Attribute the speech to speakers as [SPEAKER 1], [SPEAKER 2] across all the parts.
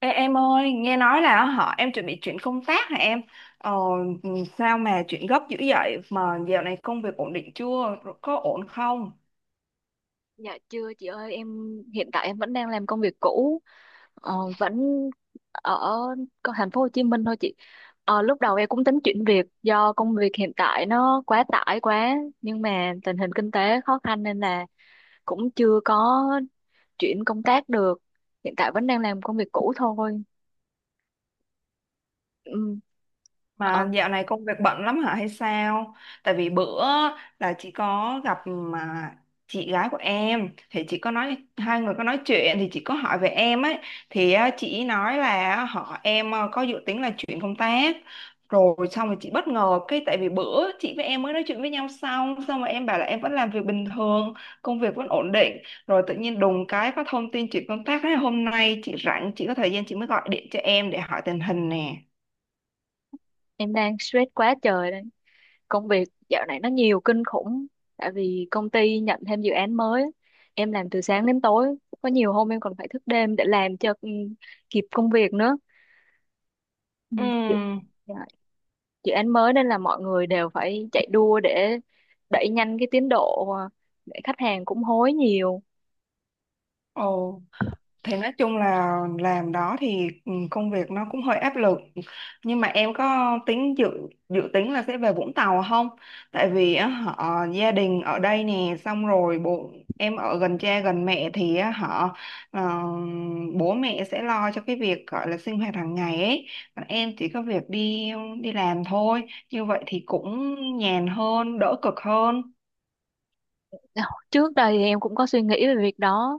[SPEAKER 1] Ê, em ơi, nghe nói là họ em chuẩn bị chuyển công tác hả em? Ờ, ừ, Sao mà chuyển gấp dữ vậy? Mà dạo này công việc ổn định chưa? Có ổn không?
[SPEAKER 2] Dạ chưa chị ơi, em hiện tại vẫn đang làm công việc cũ, vẫn ở thành phố Hồ Chí Minh thôi chị. Lúc đầu em cũng tính chuyển việc do công việc hiện tại nó quá tải quá, nhưng mà tình hình kinh tế khó khăn nên là cũng chưa có chuyển công tác được, hiện tại vẫn đang làm công việc cũ thôi. ừ, ờ,
[SPEAKER 1] Mà dạo này công việc bận lắm hả hay sao? Tại vì bữa là chị có gặp mà chị gái của em, thì chị có nói, hai người có nói chuyện, thì chị có hỏi về em ấy, thì á, chị nói là họ em có dự tính là chuyển công tác. Rồi xong rồi chị bất ngờ cái, tại vì bữa chị với em mới nói chuyện với nhau xong xong rồi em bảo là em vẫn làm việc bình thường, công việc vẫn ổn định, rồi tự nhiên đùng cái có thông tin chuyển công tác. Thế hôm nay chị rảnh, chị có thời gian, chị mới gọi điện cho em để hỏi tình hình nè.
[SPEAKER 2] em đang stress quá trời đây, công việc dạo này nó nhiều kinh khủng, tại vì công ty nhận thêm dự án mới, em làm từ sáng đến tối, có nhiều hôm em còn phải thức đêm để làm cho kịp công việc nữa. Ừ,
[SPEAKER 1] Ừ.
[SPEAKER 2] dự, dạ, dự án mới nên là mọi người đều phải chạy đua để đẩy nhanh cái tiến độ, để khách hàng cũng hối nhiều.
[SPEAKER 1] Ồ, thì nói chung là làm đó thì công việc nó cũng hơi áp lực. Nhưng mà em có tính dự dự tính là sẽ về Vũng Tàu không? Tại vì á, họ gia đình ở đây nè, xong rồi bố em ở gần cha gần mẹ thì á, họ ờ, bố mẹ sẽ lo cho cái việc gọi là sinh hoạt hàng ngày ấy. Còn em chỉ có việc đi đi làm thôi. Như vậy thì cũng nhàn hơn, đỡ cực hơn.
[SPEAKER 2] Ờ, trước đây thì em cũng có suy nghĩ về việc đó,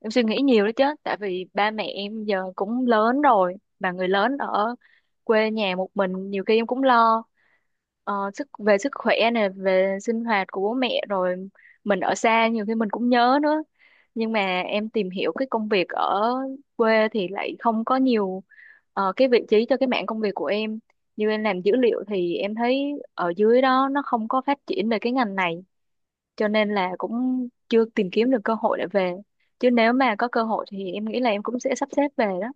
[SPEAKER 2] em suy nghĩ nhiều đó chứ, tại vì ba mẹ em giờ cũng lớn rồi mà người lớn ở quê nhà một mình, nhiều khi em cũng lo ờ, sức về sức khỏe này, về sinh hoạt của bố mẹ, rồi mình ở xa nhiều khi mình cũng nhớ nữa. Nhưng mà em tìm hiểu cái công việc ở quê thì lại không có nhiều cái vị trí cho cái mảng công việc của em, như em làm dữ liệu thì em thấy ở dưới đó nó không có phát triển về cái ngành này, cho nên là cũng chưa tìm kiếm được cơ hội để về. Chứ nếu mà có cơ hội thì em nghĩ là em cũng sẽ sắp xếp về đó.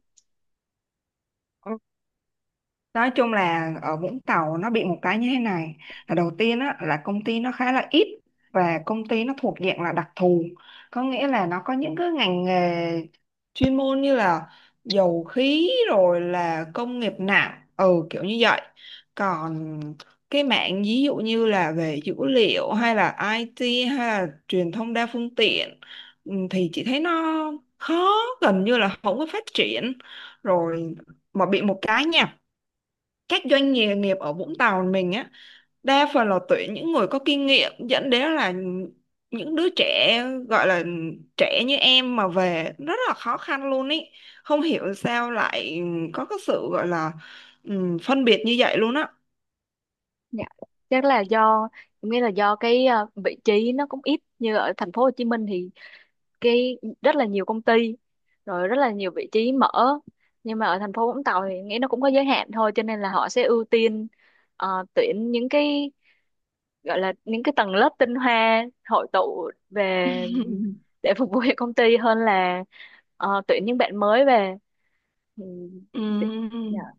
[SPEAKER 1] Nói chung là ở Vũng Tàu nó bị một cái như thế này, là đầu tiên á, là công ty nó khá là ít, và công ty nó thuộc dạng là đặc thù, có nghĩa là nó có những cái ngành nghề chuyên môn như là dầu khí, rồi là công nghiệp nặng, kiểu như vậy. Còn cái mạng ví dụ như là về dữ liệu, hay là IT, hay là truyền thông đa phương tiện, thì chị thấy nó khó, gần như là không có phát triển. Rồi mà bị một cái nha, các doanh nghề nghiệp ở Vũng Tàu mình á, đa phần là tuyển những người có kinh nghiệm, dẫn đến là những đứa trẻ, gọi là trẻ như em mà về rất là khó khăn luôn ý, không hiểu sao lại có cái sự gọi là phân biệt như vậy luôn á.
[SPEAKER 2] Dạ, chắc là do em nghĩ là do cái vị trí nó cũng ít. Như ở thành phố Hồ Chí Minh thì cái rất là nhiều công ty, rồi rất là nhiều vị trí mở, nhưng mà ở thành phố Vũng Tàu thì nghĩ nó cũng có giới hạn thôi, cho nên là họ sẽ ưu tiên tuyển những cái gọi là những cái tầng lớp tinh hoa hội tụ về để phục vụ cho công ty hơn là tuyển những bạn mới về. Ừ,
[SPEAKER 1] Ừm.
[SPEAKER 2] dạ,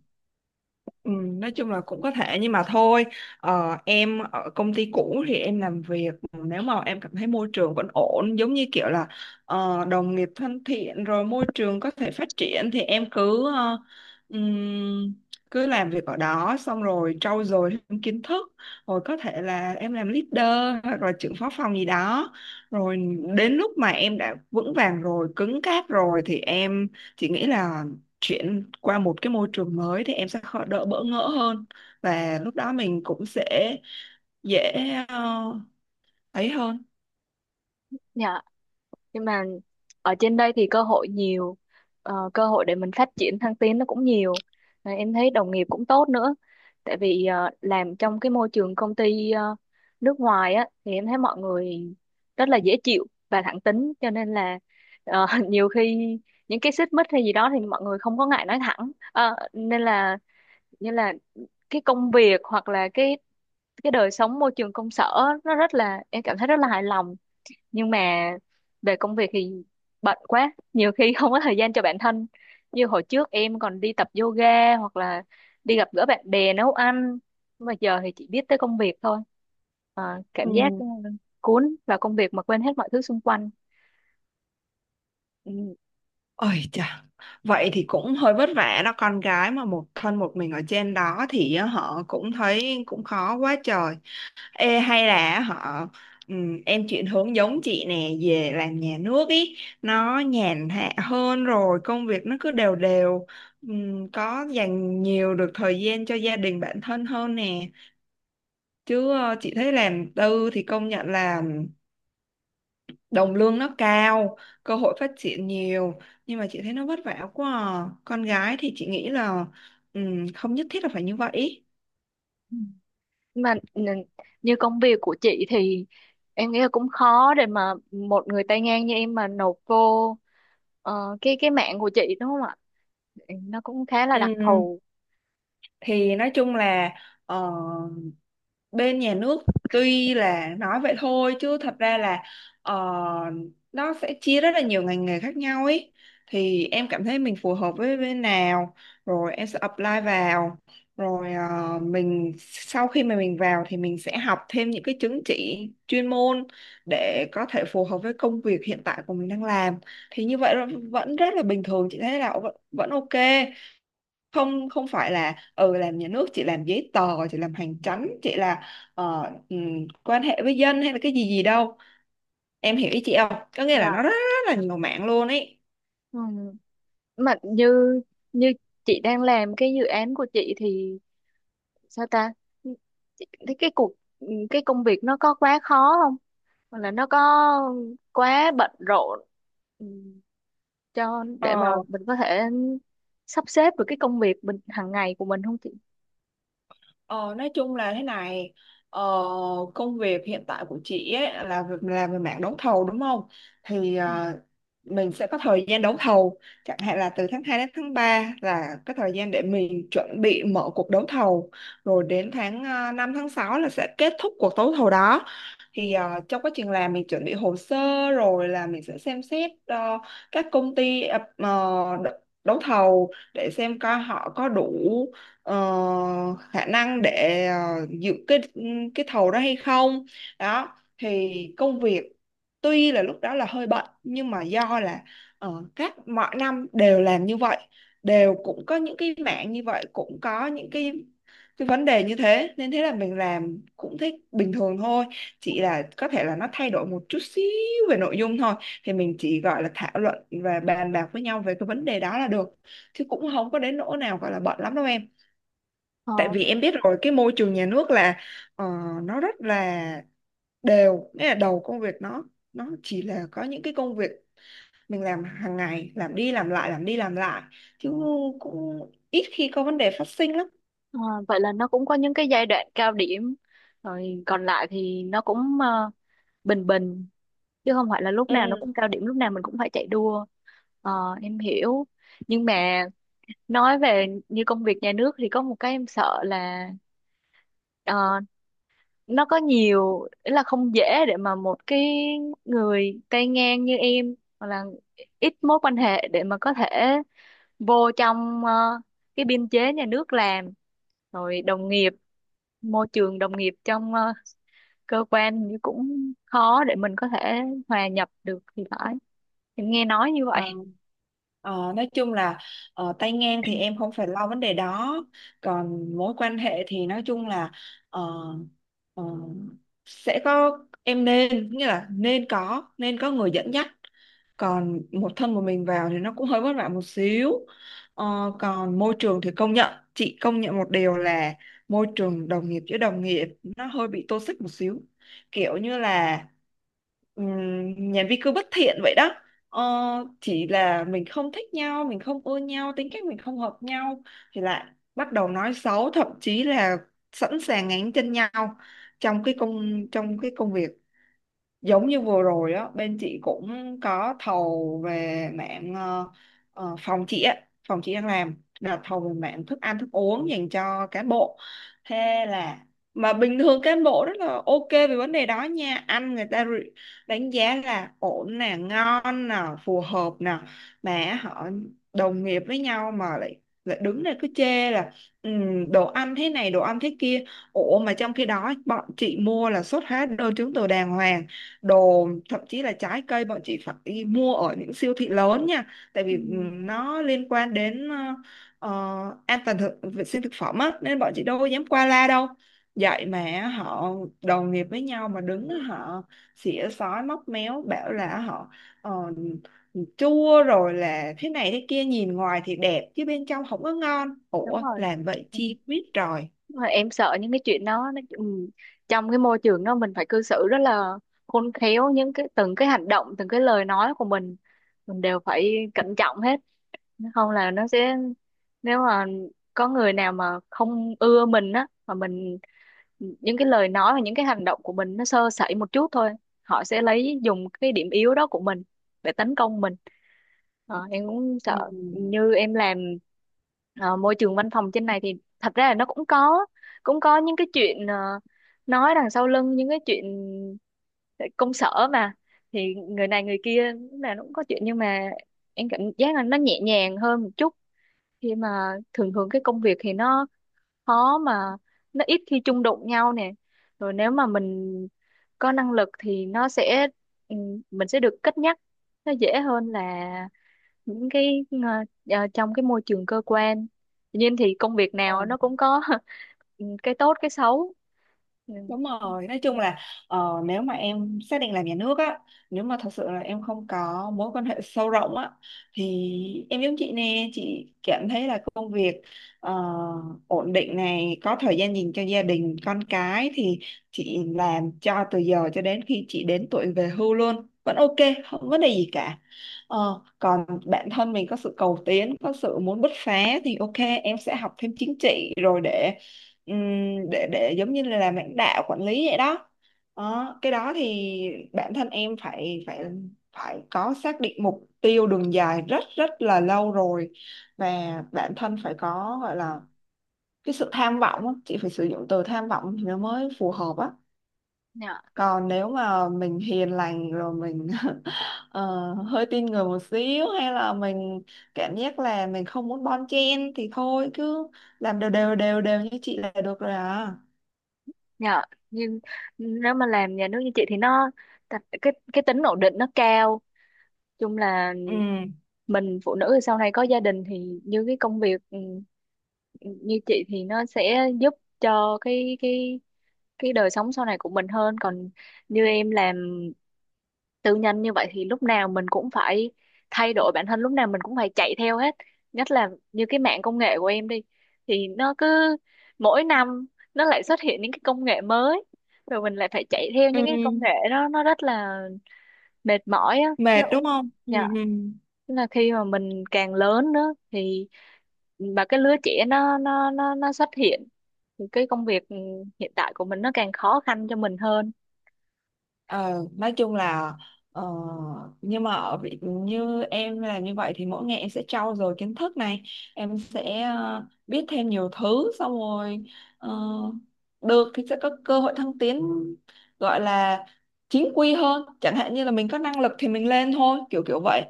[SPEAKER 1] Ừ, nói chung là cũng có thể, nhưng mà thôi, em ở công ty cũ thì em làm việc, nếu mà em cảm thấy môi trường vẫn ổn, giống như kiểu là đồng nghiệp thân thiện, rồi môi trường có thể phát triển, thì em cứ ừm, cứ làm việc ở đó, xong rồi trau dồi thêm kiến thức, rồi có thể là em làm leader hoặc là trưởng phó phòng gì đó. Rồi đến lúc mà em đã vững vàng rồi, cứng cáp rồi, thì em chỉ nghĩ là chuyển qua một cái môi trường mới thì em sẽ khó, đỡ bỡ ngỡ hơn, và lúc đó mình cũng sẽ dễ ờ, ấy hơn.
[SPEAKER 2] dạ, nhưng mà ở trên đây thì cơ hội nhiều, cơ hội để mình phát triển thăng tiến nó cũng nhiều. Và em thấy đồng nghiệp cũng tốt nữa, tại vì làm trong cái môi trường công ty nước ngoài á thì em thấy mọi người rất là dễ chịu và thẳng tính, cho nên là nhiều khi những cái xích mích hay gì đó thì mọi người không có ngại nói thẳng. Ờ, nên là như là cái công việc hoặc là cái đời sống môi trường công sở, nó rất là, em cảm thấy rất là hài lòng. Nhưng mà về công việc thì bận quá, nhiều khi không có thời gian cho bản thân, như hồi trước em còn đi tập yoga hoặc là đi gặp gỡ bạn bè, nấu ăn. Nhưng mà giờ thì chỉ biết tới công việc thôi. Ờ, cảm giác
[SPEAKER 1] Ừ.
[SPEAKER 2] cuốn vào công việc mà quên hết mọi thứ xung quanh. Ừ.
[SPEAKER 1] Ôi chà, vậy thì cũng hơi vất vả đó, con gái mà một thân một mình ở trên đó thì họ cũng thấy cũng khó quá trời. Ê, hay là họ em chuyển hướng giống chị nè, về làm nhà nước ý, nó nhàn hạ hơn, rồi công việc nó cứ đều đều. Có dành nhiều được thời gian cho gia đình, bản thân hơn nè. Chứ chị thấy làm tư thì công nhận là đồng lương nó cao, cơ hội phát triển nhiều, nhưng mà chị thấy nó vất vả quá à. Con gái thì chị nghĩ là không nhất thiết là phải như vậy.
[SPEAKER 2] Nhưng mà như công việc của chị thì em nghĩ là cũng khó để mà một người tay ngang như em mà nộp vô cái mạng của chị, đúng không ạ? Nó cũng khá là đặc
[SPEAKER 1] Ừm,
[SPEAKER 2] thù.
[SPEAKER 1] thì nói chung là bên nhà nước, tuy là nói vậy thôi, chứ thật ra là ờ, nó sẽ chia rất là nhiều ngành nghề khác nhau ấy. Thì em cảm thấy mình phù hợp với bên nào, rồi em sẽ apply vào. Rồi mình sau khi mà mình vào thì mình sẽ học thêm những cái chứng chỉ chuyên môn, để có thể phù hợp với công việc hiện tại của mình đang làm. Thì như vậy là vẫn rất là bình thường, chị thấy là vẫn vẫn ok. Không không phải là làm nhà nước chị làm giấy tờ, chị làm hành chánh, chị là ờ, quan hệ với dân hay là cái gì gì đâu. Em hiểu ý chị không, có nghĩa là nó
[SPEAKER 2] Dạ.
[SPEAKER 1] rất, rất là nhiều mạng luôn ấy.
[SPEAKER 2] Ừ. Mà như như chị đang làm cái dự án của chị thì sao ta? Thế cái công việc nó có quá khó không, hoặc là nó có quá bận rộn ừ, cho để mà
[SPEAKER 1] ờ,
[SPEAKER 2] mình có thể sắp xếp được cái công việc mình hàng ngày của mình không chị?
[SPEAKER 1] ờ, nói chung là thế này, ờ, công việc hiện tại của chị ấy là làm về mảng đấu thầu đúng không. Thì mình sẽ có thời gian đấu thầu, chẳng hạn là từ tháng 2 đến tháng 3 là cái thời gian để mình chuẩn bị mở cuộc đấu thầu. Rồi đến tháng năm, tháng 6 là sẽ kết thúc cuộc đấu thầu đó. Thì trong quá trình làm mình chuẩn bị hồ sơ, rồi là mình sẽ xem xét các công ty đ- đấu thầu, để xem coi họ có đủ ờ, khả năng để dự cái thầu đó hay không. Đó, thì công việc tuy là lúc đó là hơi bận, nhưng mà do là các mọi năm đều làm như vậy, đều cũng có những cái mảng như vậy, cũng có những cái vấn đề như thế, nên thế là mình làm cũng thích, bình thường thôi. Chỉ là có thể là nó thay đổi một chút xíu về nội dung thôi, thì mình chỉ gọi là thảo luận và bàn bạc với nhau về cái vấn đề đó là được, chứ cũng không có đến nỗi nào gọi là bận lắm đâu em. Tại
[SPEAKER 2] Ờ,
[SPEAKER 1] vì em biết rồi, cái môi trường nhà nước là ờ, nó rất là đều, nghĩa là đầu công việc nó chỉ là có những cái công việc mình làm hàng ngày, làm đi làm lại, làm đi làm lại, chứ cũng ít khi có vấn đề phát sinh lắm.
[SPEAKER 2] ờ, Vậy là nó cũng có những cái giai đoạn cao điểm, rồi còn lại thì nó cũng bình bình, chứ không phải là lúc
[SPEAKER 1] Ừ.
[SPEAKER 2] nào nó cũng cao điểm, lúc nào mình cũng phải chạy đua. Ờ, em hiểu. Nhưng mà nói về như công việc nhà nước thì có một cái em sợ là ờ, nó có nhiều ý là không dễ để mà một cái người tay ngang như em hoặc là ít mối quan hệ để mà có thể vô trong cái biên chế nhà nước làm. Rồi đồng nghiệp, môi trường đồng nghiệp trong cơ quan thì cũng khó để mình có thể hòa nhập được thì phải, em nghe nói như vậy.
[SPEAKER 1] Ờ, nói chung là tay ngang thì em không phải lo vấn đề đó. Còn mối quan hệ thì nói chung là ờ, ờ, sẽ có, em nên, nghĩa là nên có người dẫn dắt. Còn một thân một mình vào thì nó cũng hơi vất vả một xíu. Còn môi trường thì công nhận, chị công nhận một điều là môi trường đồng nghiệp với đồng nghiệp nó hơi bị toxic một xíu, kiểu như là nhà vi cứ bất thiện vậy đó. Ờ, chỉ là mình không thích nhau, mình không ưa nhau, tính cách mình không hợp nhau, thì lại bắt đầu nói xấu, thậm chí là sẵn sàng ngáng chân nhau trong cái công việc. Giống như vừa rồi á, bên chị cũng có thầu về mạng phòng chị á, phòng chị đang làm là thầu về mạng thức ăn, thức uống dành cho cán bộ. Thế là, mà bình thường cán bộ rất là ok về vấn đề đó nha, ăn người ta đánh giá là ổn nè, ngon nè, phù hợp nè. Mà họ đồng nghiệp với nhau mà lại lại đứng đây cứ chê là "Ừ, đồ ăn thế này, đồ ăn thế kia." Ủa, mà trong khi đó bọn chị mua là xuất hóa đơn chứng từ đàng hoàng, đồ thậm chí là trái cây bọn chị phải đi mua ở những siêu thị lớn nha, tại vì
[SPEAKER 2] Ừ,
[SPEAKER 1] nó liên quan đến an toàn thực, vệ sinh thực phẩm á, nên bọn chị đâu có dám qua la đâu. Vậy mà họ đồng nghiệp với nhau mà đứng họ xỉa xói móc méo bảo là họ ờ, chua rồi, là thế này thế kia, nhìn ngoài thì đẹp chứ bên trong không có ngon.
[SPEAKER 2] đúng
[SPEAKER 1] Ủa
[SPEAKER 2] rồi.
[SPEAKER 1] làm vậy chi, biết rồi.
[SPEAKER 2] Mà em sợ những cái chuyện đó nó trong cái môi trường đó mình phải cư xử rất là khôn khéo, những cái từng cái hành động, từng cái lời nói của mình đều phải cẩn trọng hết. Không là nó sẽ, nếu mà có người nào mà không ưa mình á, mà mình những cái lời nói và những cái hành động của mình nó sơ sẩy một chút thôi, họ sẽ lấy dùng cái điểm yếu đó của mình để tấn công mình. Ờ, em cũng sợ. Như em làm ờ, môi trường văn phòng trên này thì thật ra là nó cũng có, cũng có những cái chuyện nói đằng sau lưng, những cái chuyện ờ, công sở mà, thì người này người kia lúc nào nó cũng có chuyện. Nhưng mà em cảm giác là nó nhẹ nhàng hơn một chút, khi mà thường thường cái công việc thì nó khó mà, nó ít khi chung đụng nhau nè. Rồi nếu mà mình có năng lực thì nó sẽ ừ, mình sẽ được cất nhắc, nó dễ hơn là những cái trong cái môi trường cơ quan. Tuy nhiên thì công việc nào
[SPEAKER 1] Ừ.
[SPEAKER 2] nó cũng có cái tốt cái xấu. Ừ.
[SPEAKER 1] Đúng rồi, nói chung
[SPEAKER 2] Dạ,
[SPEAKER 1] là nếu mà em xác định làm nhà nước á, nếu mà thật sự là em không có mối quan hệ sâu rộng á, thì em giống chị nè, chị cảm thấy là công việc ờ, ổn định này, có thời gian dành cho gia đình, con cái, thì chị làm cho từ giờ cho đến khi chị đến tuổi về hưu luôn, vẫn ok, không có vấn đề gì cả. Còn bản thân mình có sự cầu tiến, có sự muốn bứt phá thì ok, em sẽ học thêm chính trị rồi để Ừm, để giống như là làm lãnh đạo, quản lý vậy đó. Đó, cái đó thì bản thân em phải phải phải có xác định mục tiêu đường dài rất rất là lâu rồi, và bản thân phải có gọi là cái sự tham vọng á. Chị phải sử dụng từ tham vọng thì nó mới phù hợp á.
[SPEAKER 2] dạ,
[SPEAKER 1] Còn nếu mà mình hiền lành rồi mình hơi tin người một xíu, hay là mình cảm giác là mình không muốn bon chen, thì thôi cứ làm đều đều đều đều như chị là được rồi à.
[SPEAKER 2] dạ, nhưng nếu mà làm nhà nước như chị thì nó cái tính ổn định nó cao, chung là
[SPEAKER 1] Ừ,
[SPEAKER 2] mình phụ nữ thì sau này có gia đình thì như cái công việc như chị thì nó sẽ giúp cho cái đời sống sau này của mình hơn. Còn như em làm tư nhân như vậy thì lúc nào mình cũng phải thay đổi bản thân, lúc nào mình cũng phải chạy theo hết, nhất là như cái mạng công nghệ của em đi thì nó cứ mỗi năm nó lại xuất hiện những cái công nghệ mới, rồi mình lại phải chạy theo những cái công
[SPEAKER 1] ừ,
[SPEAKER 2] nghệ đó, nó rất là mệt mỏi á, nó
[SPEAKER 1] mệt đúng
[SPEAKER 2] cũng,
[SPEAKER 1] không? Ừ,
[SPEAKER 2] dạ.
[SPEAKER 1] ừ.
[SPEAKER 2] Tức là khi mà mình càng lớn nữa thì mà cái lứa trẻ nó xuất hiện thì cái công việc hiện tại của mình nó càng khó khăn cho mình hơn.
[SPEAKER 1] Ờ, nói chung là ờ, nhưng mà ở vị như em là như vậy thì mỗi ngày em sẽ trau dồi kiến thức này, em sẽ biết thêm nhiều thứ, xong rồi ờ, được thì sẽ có cơ hội thăng tiến, gọi là chính quy hơn, chẳng hạn như là mình có năng lực thì mình lên thôi, kiểu kiểu vậy.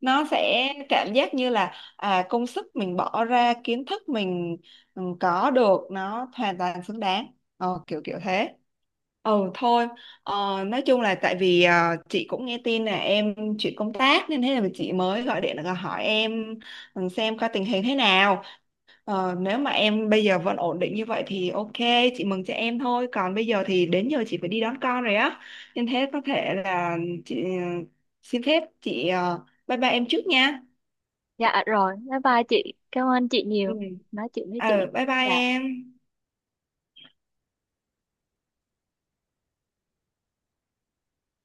[SPEAKER 1] Nó sẽ cảm giác như là à, công sức mình bỏ ra, kiến thức mình có được, nó hoàn toàn xứng đáng, kiểu kiểu thế. Ừ, thôi. Nói chung là tại vì chị cũng nghe tin là em chuyển công tác nên thế là chị mới gọi điện là hỏi em, xem coi tình hình thế nào. Nếu mà em bây giờ vẫn ổn định như vậy thì ok, chị mừng cho em thôi. Còn bây giờ thì đến giờ chị phải đi đón con rồi á. Nên thế có thể là chị xin phép, chị bye bye em trước nha.
[SPEAKER 2] Dạ rồi, bye bye chị. Cảm ơn chị
[SPEAKER 1] Ừ.
[SPEAKER 2] nhiều. Nói chuyện với chị.
[SPEAKER 1] Bye bye
[SPEAKER 2] Dạ.
[SPEAKER 1] em.